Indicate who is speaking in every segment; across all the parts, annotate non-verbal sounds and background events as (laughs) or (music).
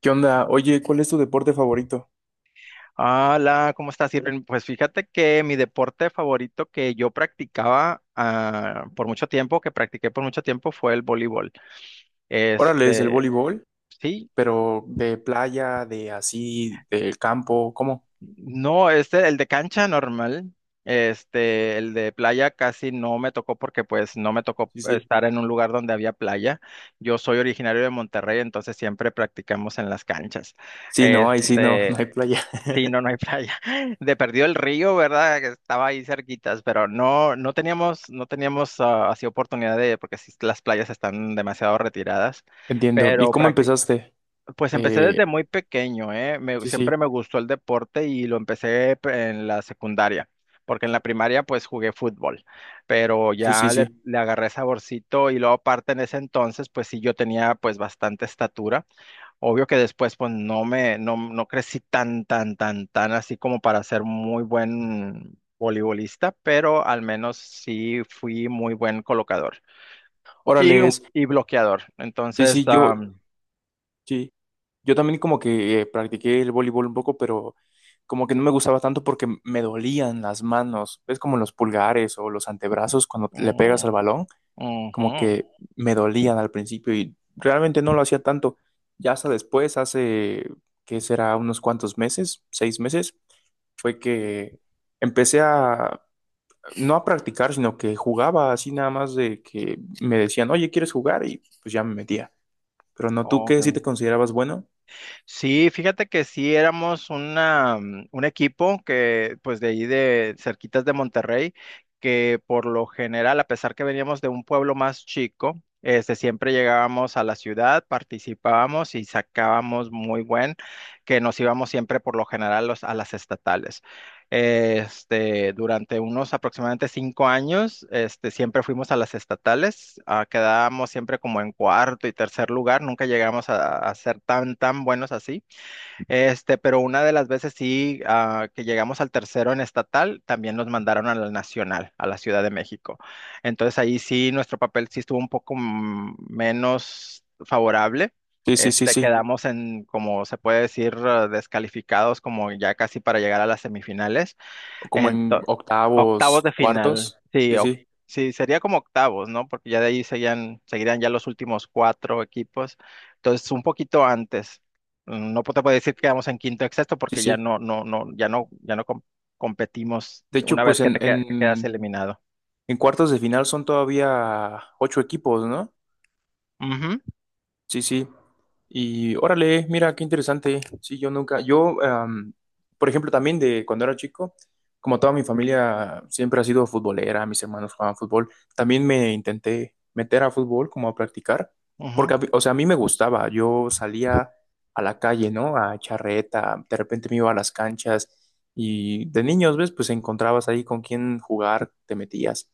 Speaker 1: ¿Qué onda? Oye, ¿cuál es tu deporte favorito?
Speaker 2: Hola, ¿cómo estás, Irving? Pues fíjate que mi deporte favorito que yo practicaba por mucho tiempo, que practiqué por mucho tiempo, fue el voleibol.
Speaker 1: Órale, es el
Speaker 2: Este,
Speaker 1: voleibol,
Speaker 2: sí,
Speaker 1: pero de playa, de así, del campo, ¿cómo?
Speaker 2: no, el de cancha normal, el de playa casi no me tocó porque pues no me tocó
Speaker 1: Sí, sí.
Speaker 2: estar en un lugar donde había playa. Yo soy originario de Monterrey, entonces siempre practicamos en las canchas.
Speaker 1: Sí, no, ahí sí, no, (laughs) no hay playa. (laughs)
Speaker 2: Sí, no, no hay playa. (laughs) De perdido el río, ¿verdad? Que estaba ahí cerquitas, pero no teníamos así oportunidad de, porque sí, las playas están demasiado retiradas.
Speaker 1: Entiendo. ¿Y
Speaker 2: Pero
Speaker 1: cómo
Speaker 2: practic-
Speaker 1: empezaste?
Speaker 2: pues empecé desde
Speaker 1: Eh,
Speaker 2: muy pequeño, ¿eh?
Speaker 1: sí, sí,
Speaker 2: Siempre me gustó el deporte y lo empecé en la secundaria, porque en la primaria pues jugué fútbol, pero
Speaker 1: sí, sí,
Speaker 2: ya
Speaker 1: sí.
Speaker 2: le agarré saborcito y luego aparte en ese entonces pues sí yo tenía pues bastante estatura. Obvio que después, pues no me, no, no crecí tan así como para ser muy buen voleibolista, pero al menos sí fui muy buen colocador y,
Speaker 1: Órale, es,
Speaker 2: y bloqueador.
Speaker 1: sí,
Speaker 2: Entonces,
Speaker 1: sí, yo, sí. Yo también, como que practiqué el voleibol un poco, pero como que no me gustaba tanto porque me dolían las manos. Es como los pulgares o los antebrazos cuando le pegas al
Speaker 2: mm,
Speaker 1: balón. Como
Speaker 2: ujú,
Speaker 1: que me dolían al principio y realmente no lo hacía tanto. Ya hasta después, hace, ¿qué será? Unos cuantos meses, seis meses, fue que empecé a, no a practicar, sino que jugaba así nada más de que me decían, oye, ¿quieres jugar? Y pues ya me metía. Pero no, ¿tú
Speaker 2: ok.
Speaker 1: qué?, ¿si te considerabas bueno?
Speaker 2: Sí, fíjate que sí éramos un equipo que, pues de ahí de cerquitas de Monterrey, que por lo general, a pesar que veníamos de un pueblo más chico, siempre llegábamos a la ciudad, participábamos y sacábamos muy buen, que nos íbamos siempre por lo general a las estatales. Durante unos aproximadamente 5 años, siempre fuimos a las estatales, quedábamos siempre como en cuarto y tercer lugar, nunca llegamos a ser tan buenos así. Pero una de las veces sí, que llegamos al tercero en estatal, también nos mandaron a la nacional, a la Ciudad de México. Entonces ahí sí, nuestro papel sí estuvo un poco menos favorable.
Speaker 1: Sí, sí, sí, sí.
Speaker 2: Quedamos en, como se puede decir, descalificados como ya casi para llegar a las semifinales.
Speaker 1: Como en
Speaker 2: Ento- Octavos
Speaker 1: octavos,
Speaker 2: de final,
Speaker 1: cuartos.
Speaker 2: sí,
Speaker 1: Sí, sí,
Speaker 2: sí, sería como octavos, ¿no? Porque ya de ahí seguirían ya los últimos cuatro equipos, entonces un poquito antes. No te puedo decir que quedamos en quinto o sexto
Speaker 1: sí,
Speaker 2: porque
Speaker 1: sí.
Speaker 2: ya no competimos
Speaker 1: De
Speaker 2: una
Speaker 1: hecho, pues
Speaker 2: vez que que quedas eliminado.
Speaker 1: en cuartos de final son todavía ocho equipos, ¿no?
Speaker 2: Ujú,
Speaker 1: Sí, sí. Y órale, mira, qué interesante. Sí, yo nunca, yo, por ejemplo, también de cuando era chico, como toda mi familia siempre ha sido futbolera, mis hermanos jugaban fútbol, también me intenté meter a fútbol como a practicar,
Speaker 2: ujú,
Speaker 1: porque, a mí, o sea, a mí me gustaba, yo salía a la calle, ¿no? A charreta, de repente me iba a las canchas y de niños, ¿ves? Pues encontrabas ahí con quién jugar, te metías,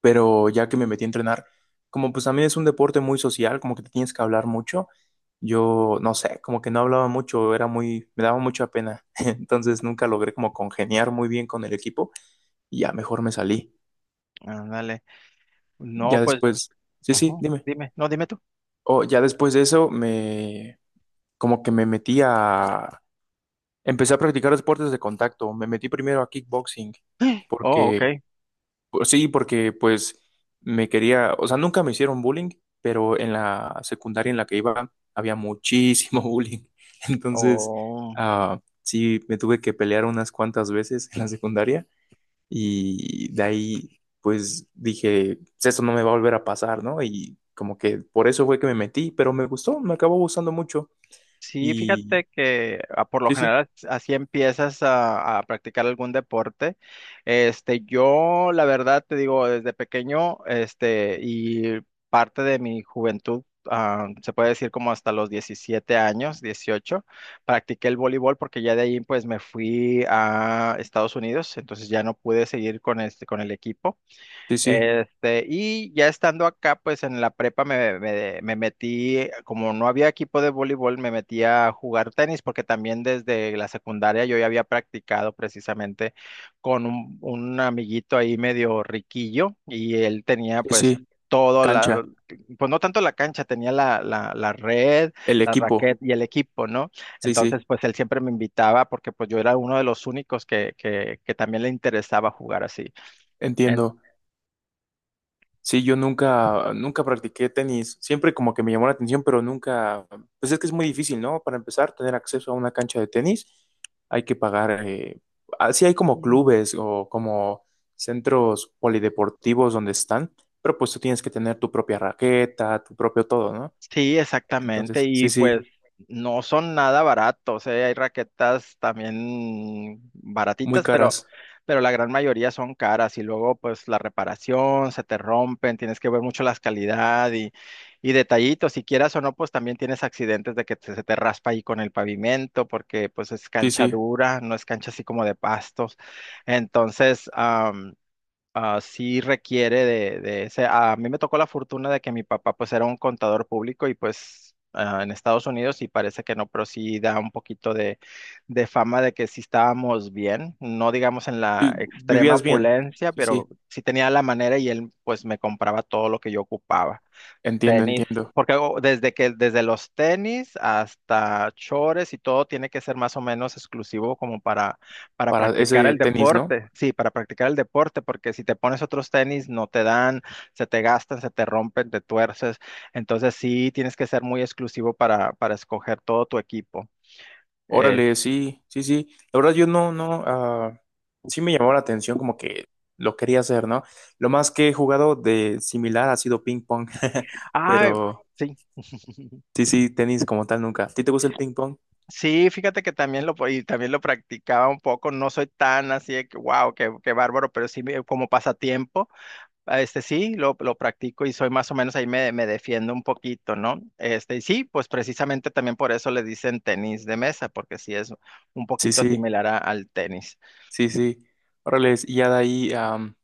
Speaker 1: pero ya que me metí a entrenar, como pues también es un deporte muy social, como que te tienes que hablar mucho, yo no sé, como que no hablaba mucho, era muy, me daba mucha pena, (laughs) entonces nunca logré como congeniar muy bien con el equipo y ya mejor me salí.
Speaker 2: ándale. No,
Speaker 1: Ya
Speaker 2: pues,
Speaker 1: después, sí, sí,
Speaker 2: ujú,
Speaker 1: dime.
Speaker 2: dime, no, dime tú.
Speaker 1: O ya después de eso me, como que me metí a, empecé a practicar deportes de contacto, me metí primero a kickboxing
Speaker 2: Oh,
Speaker 1: porque,
Speaker 2: ok.
Speaker 1: pues sí, porque pues me quería, o sea, nunca me hicieron bullying, pero en la secundaria en la que iba había muchísimo (laughs) bullying. Entonces,
Speaker 2: Oh.
Speaker 1: sí, me tuve que pelear unas cuantas veces en la secundaria y de ahí pues dije, "Pues esto no me va a volver a pasar, ¿no?". Y como que por eso fue que me metí, pero me gustó, me acabó gustando mucho.
Speaker 2: Sí,
Speaker 1: Y
Speaker 2: fíjate que por lo
Speaker 1: sí, sí,
Speaker 2: general así empiezas a practicar algún deporte. Yo la verdad te digo, desde pequeño, y parte de mi juventud, se puede decir como hasta los 17 años, 18, practiqué el voleibol porque ya de ahí pues me fui a Estados Unidos, entonces ya no pude seguir con con el equipo.
Speaker 1: sí, sí,
Speaker 2: Y ya estando acá, pues en la prepa me metí, como no había equipo de voleibol, me metí a jugar tenis, porque también desde la secundaria yo ya había practicado precisamente con un amiguito ahí medio riquillo, y él tenía
Speaker 1: sí,
Speaker 2: pues
Speaker 1: sí,
Speaker 2: todo la,
Speaker 1: cancha,
Speaker 2: pues no tanto la cancha, tenía la red,
Speaker 1: el
Speaker 2: la
Speaker 1: equipo,
Speaker 2: raqueta y el equipo, ¿no?
Speaker 1: sí, sí,
Speaker 2: Entonces, pues él siempre me invitaba porque pues yo era uno de los únicos que también le interesaba jugar así.
Speaker 1: entiendo. Sí, yo nunca, nunca practiqué tenis. Siempre como que me llamó la atención, pero nunca. Pues es que es muy difícil, ¿no? Para empezar, tener acceso a una cancha de tenis, hay que pagar. Así hay como
Speaker 2: En-
Speaker 1: clubes o como centros polideportivos donde están, pero pues tú tienes que tener tu propia raqueta, tu propio todo, ¿no?
Speaker 2: Sí, exactamente.
Speaker 1: Entonces, sí,
Speaker 2: Y pues
Speaker 1: sí,
Speaker 2: no son nada baratos, ¿eh? Hay raquetas también
Speaker 1: muy
Speaker 2: baratitas,
Speaker 1: caras.
Speaker 2: pero la gran mayoría son caras. Y luego, pues, la reparación, se te rompen, tienes que ver mucho las calidad y detallitos. Si quieras o no, pues también tienes accidentes de que se te raspa ahí con el pavimento, porque pues es
Speaker 1: Sí,
Speaker 2: cancha
Speaker 1: sí.
Speaker 2: dura, no es cancha así como de pastos. Entonces, sí requiere de ese. A mí me tocó la fortuna de que mi papá pues era un contador público y pues en Estados Unidos y parece que no, pero sí da un poquito de, fama de que sí estábamos bien, no digamos en
Speaker 1: Vi-
Speaker 2: la extrema
Speaker 1: Vivías bien.
Speaker 2: opulencia,
Speaker 1: Sí,
Speaker 2: pero
Speaker 1: sí.
Speaker 2: sí tenía la manera y él pues me compraba todo lo que yo ocupaba.
Speaker 1: Entiendo,
Speaker 2: Tenis,
Speaker 1: entiendo.
Speaker 2: porque desde que desde los tenis hasta chores y todo tiene que ser más o menos exclusivo como para
Speaker 1: Para
Speaker 2: practicar
Speaker 1: ese
Speaker 2: el
Speaker 1: tenis, ¿no?
Speaker 2: deporte. Sí, para practicar el deporte, porque si te pones otros tenis no te dan, se te gastan, se te rompen, te tuerces. Entonces sí tienes que ser muy exclusivo para escoger todo tu equipo. Eh,
Speaker 1: Órale, sí, sí, sí. La verdad yo no, no, sí me llamó la atención, como que lo quería hacer, ¿no? Lo más que he jugado de similar ha sido ping pong, (laughs)
Speaker 2: Ay,
Speaker 1: pero
Speaker 2: sí. (laughs)
Speaker 1: sí, sí, tenis como tal nunca. ¿A ti te gusta el ping pong?
Speaker 2: Sí, fíjate que también y también lo practicaba un poco, no soy tan así de que, wow, qué bárbaro, pero sí como pasatiempo. Este sí, lo practico y soy más o menos ahí me defiendo un poquito, ¿no? Y sí, pues precisamente también por eso le dicen tenis de mesa, porque sí es un
Speaker 1: Sí,
Speaker 2: poquito
Speaker 1: sí,
Speaker 2: similar al tenis.
Speaker 1: sí, sí. Órale, y ya de ahí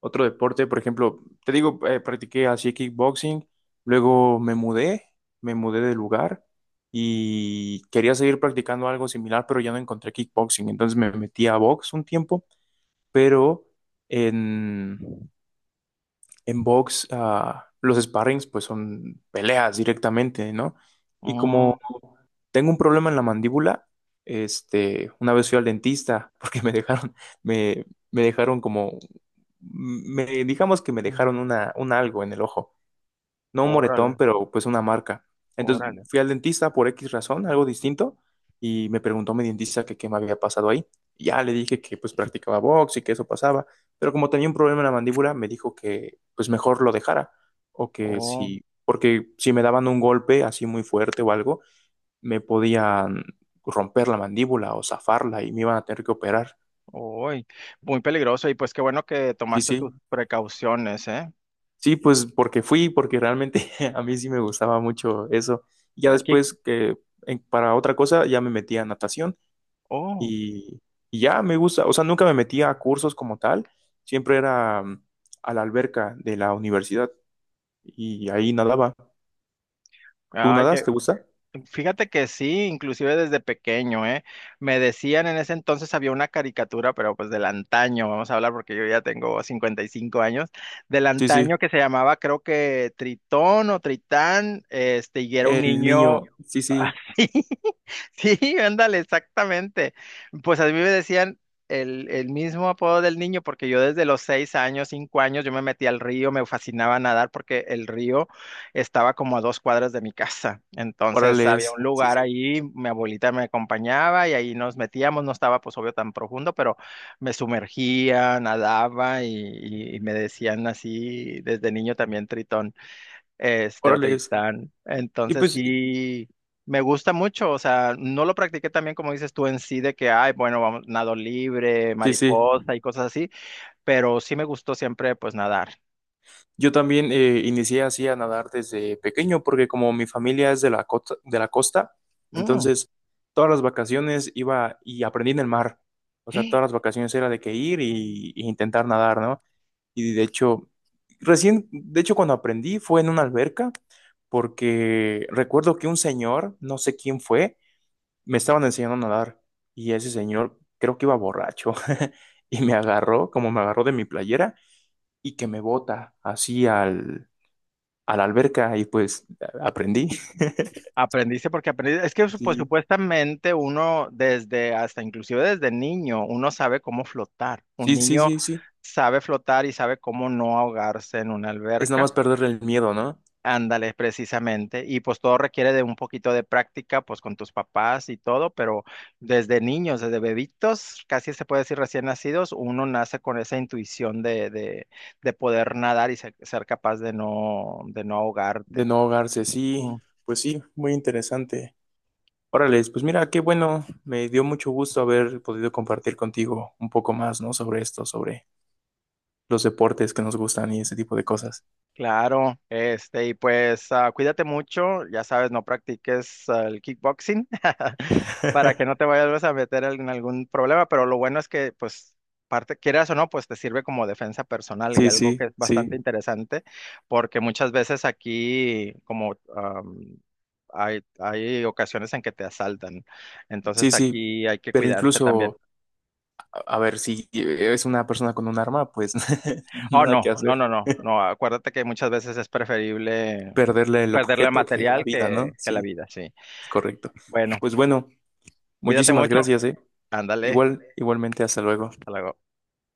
Speaker 1: otro deporte, por ejemplo, te digo, practiqué así kickboxing, luego me mudé de lugar y quería seguir practicando algo similar, pero ya no encontré kickboxing, entonces me metí a box un tiempo. Pero en, en box los sparrings pues son peleas directamente, ¿no? Y como
Speaker 2: Mm,
Speaker 1: tengo un problema en la mandíbula, este, una vez fui al dentista (laughs) porque me dejaron, me, me dejaron como, me, digamos que me dejaron
Speaker 2: mm,
Speaker 1: una, un algo en el ojo, no un
Speaker 2: órale,
Speaker 1: moretón, pero pues una marca. Entonces
Speaker 2: órale.
Speaker 1: fui al dentista por X razón, algo distinto, y me preguntó mi dentista que qué me había pasado ahí. Y ya le dije que pues practicaba box y que eso pasaba, pero como tenía un problema en la mandíbula, me dijo que pues mejor lo dejara, o que
Speaker 2: Oh,
Speaker 1: si, porque si me daban un golpe así muy fuerte o algo, me podían romper la mandíbula o zafarla y me iban a tener que operar.
Speaker 2: uy, muy peligroso. Y pues qué bueno que
Speaker 1: Sí,
Speaker 2: tomaste
Speaker 1: sí.
Speaker 2: tus precauciones, ¿eh?
Speaker 1: Sí, pues porque fui, porque realmente (laughs) a mí sí me gustaba mucho eso. Ya
Speaker 2: El kick,
Speaker 1: después que en- para otra cosa ya me metí a natación
Speaker 2: oh,
Speaker 1: y, y ya me gusta, o sea, nunca me metí a cursos como tal, siempre era a la alberca de la universidad y ahí nadaba. ¿Tú
Speaker 2: ay, qué.
Speaker 1: nadas? ¿Te gusta?
Speaker 2: Fíjate que sí, inclusive desde pequeño, ¿eh? Me decían en ese entonces había una caricatura, pero pues del antaño, vamos a hablar porque yo ya tengo 55 años, del
Speaker 1: Sí, sí.
Speaker 2: antaño que se llamaba creo que Tritón o Tritán, y era un
Speaker 1: El niño,
Speaker 2: niño.
Speaker 1: sí, sí.
Speaker 2: (laughs) (laughs) Sí, ándale, exactamente. Pues a mí me decían el mismo apodo del niño, porque yo desde los 6 años, 5 años, yo me metí al río, me fascinaba nadar porque el río estaba como a 2 cuadras de mi casa. Entonces había
Speaker 1: Órales,
Speaker 2: un
Speaker 1: sí,
Speaker 2: lugar
Speaker 1: sí.
Speaker 2: ahí, mi abuelita me acompañaba y ahí nos metíamos, no estaba pues obvio tan profundo, pero me sumergía, nadaba y me decían así desde niño también Tritón, o
Speaker 1: Órales.
Speaker 2: Tristán.
Speaker 1: Y
Speaker 2: Entonces
Speaker 1: pues,
Speaker 2: sí, me gusta mucho, o sea, no lo practiqué también como dices tú en sí, de que, ay, bueno, vamos, nado libre,
Speaker 1: sí, sí.
Speaker 2: mariposa y cosas así, pero sí me gustó siempre, pues, nadar.
Speaker 1: Yo también, inicié así a nadar desde pequeño, porque como mi familia es de la costa,
Speaker 2: Mm.
Speaker 1: entonces todas las vacaciones iba y aprendí en el mar. O sea, todas las
Speaker 2: (gasps)
Speaker 1: vacaciones era de que ir y intentar nadar, ¿no? Y de hecho, recién, de hecho, cuando aprendí fue en una alberca, porque recuerdo que un señor, no sé quién fue, me estaban enseñando a nadar y ese señor creo que iba borracho (laughs) y me agarró, como me agarró de mi playera y que me bota así al, a la alberca y pues a- aprendí.
Speaker 2: Aprendiste porque aprendiste, es que pues
Speaker 1: Sí,
Speaker 2: supuestamente uno desde, hasta inclusive desde niño, uno sabe cómo flotar. Un
Speaker 1: sí, sí,
Speaker 2: niño
Speaker 1: sí, sí.
Speaker 2: sabe flotar y sabe cómo no ahogarse en una
Speaker 1: Es nada
Speaker 2: alberca.
Speaker 1: más perderle el miedo, ¿no?
Speaker 2: Ándale, precisamente. Y pues todo requiere de un poquito de práctica, pues con tus papás y todo, pero desde niños, desde bebitos, casi se puede decir recién nacidos, uno nace con esa intuición de poder nadar y ser capaz de de no
Speaker 1: De
Speaker 2: ahogarte.
Speaker 1: no ahogarse, sí. Pues sí, muy interesante. Órale, pues mira, qué bueno. Me dio mucho gusto haber podido compartir contigo un poco más, ¿no? Sobre esto, sobre los deportes que nos gustan y ese tipo de cosas.
Speaker 2: Claro, y pues cuídate mucho, ya sabes, no practiques el kickboxing (laughs) para que no te
Speaker 1: (laughs)
Speaker 2: vayas a meter en algún problema, pero lo bueno es que, pues, parte, quieras o no, pues te sirve como defensa personal y
Speaker 1: Sí,
Speaker 2: algo
Speaker 1: sí,
Speaker 2: que es
Speaker 1: sí,
Speaker 2: bastante interesante, porque muchas veces aquí, como hay ocasiones en que te asaltan,
Speaker 1: sí,
Speaker 2: entonces
Speaker 1: sí.
Speaker 2: aquí hay que
Speaker 1: Pero
Speaker 2: cuidarse también.
Speaker 1: incluso, a ver, si es una persona con un arma, pues (laughs)
Speaker 2: Oh,
Speaker 1: nada
Speaker 2: no,
Speaker 1: que
Speaker 2: no,
Speaker 1: hacer.
Speaker 2: no, no, no. Acuérdate que muchas veces es preferible
Speaker 1: Perderle el
Speaker 2: perderle
Speaker 1: objeto que la
Speaker 2: material
Speaker 1: vida, ¿no?
Speaker 2: que la
Speaker 1: Sí.
Speaker 2: vida, sí.
Speaker 1: Correcto.
Speaker 2: Bueno,
Speaker 1: Pues bueno,
Speaker 2: cuídate
Speaker 1: muchísimas
Speaker 2: mucho.
Speaker 1: gracias, ¿eh?
Speaker 2: Ándale,
Speaker 1: Igual, igualmente, hasta luego.
Speaker 2: hasta luego.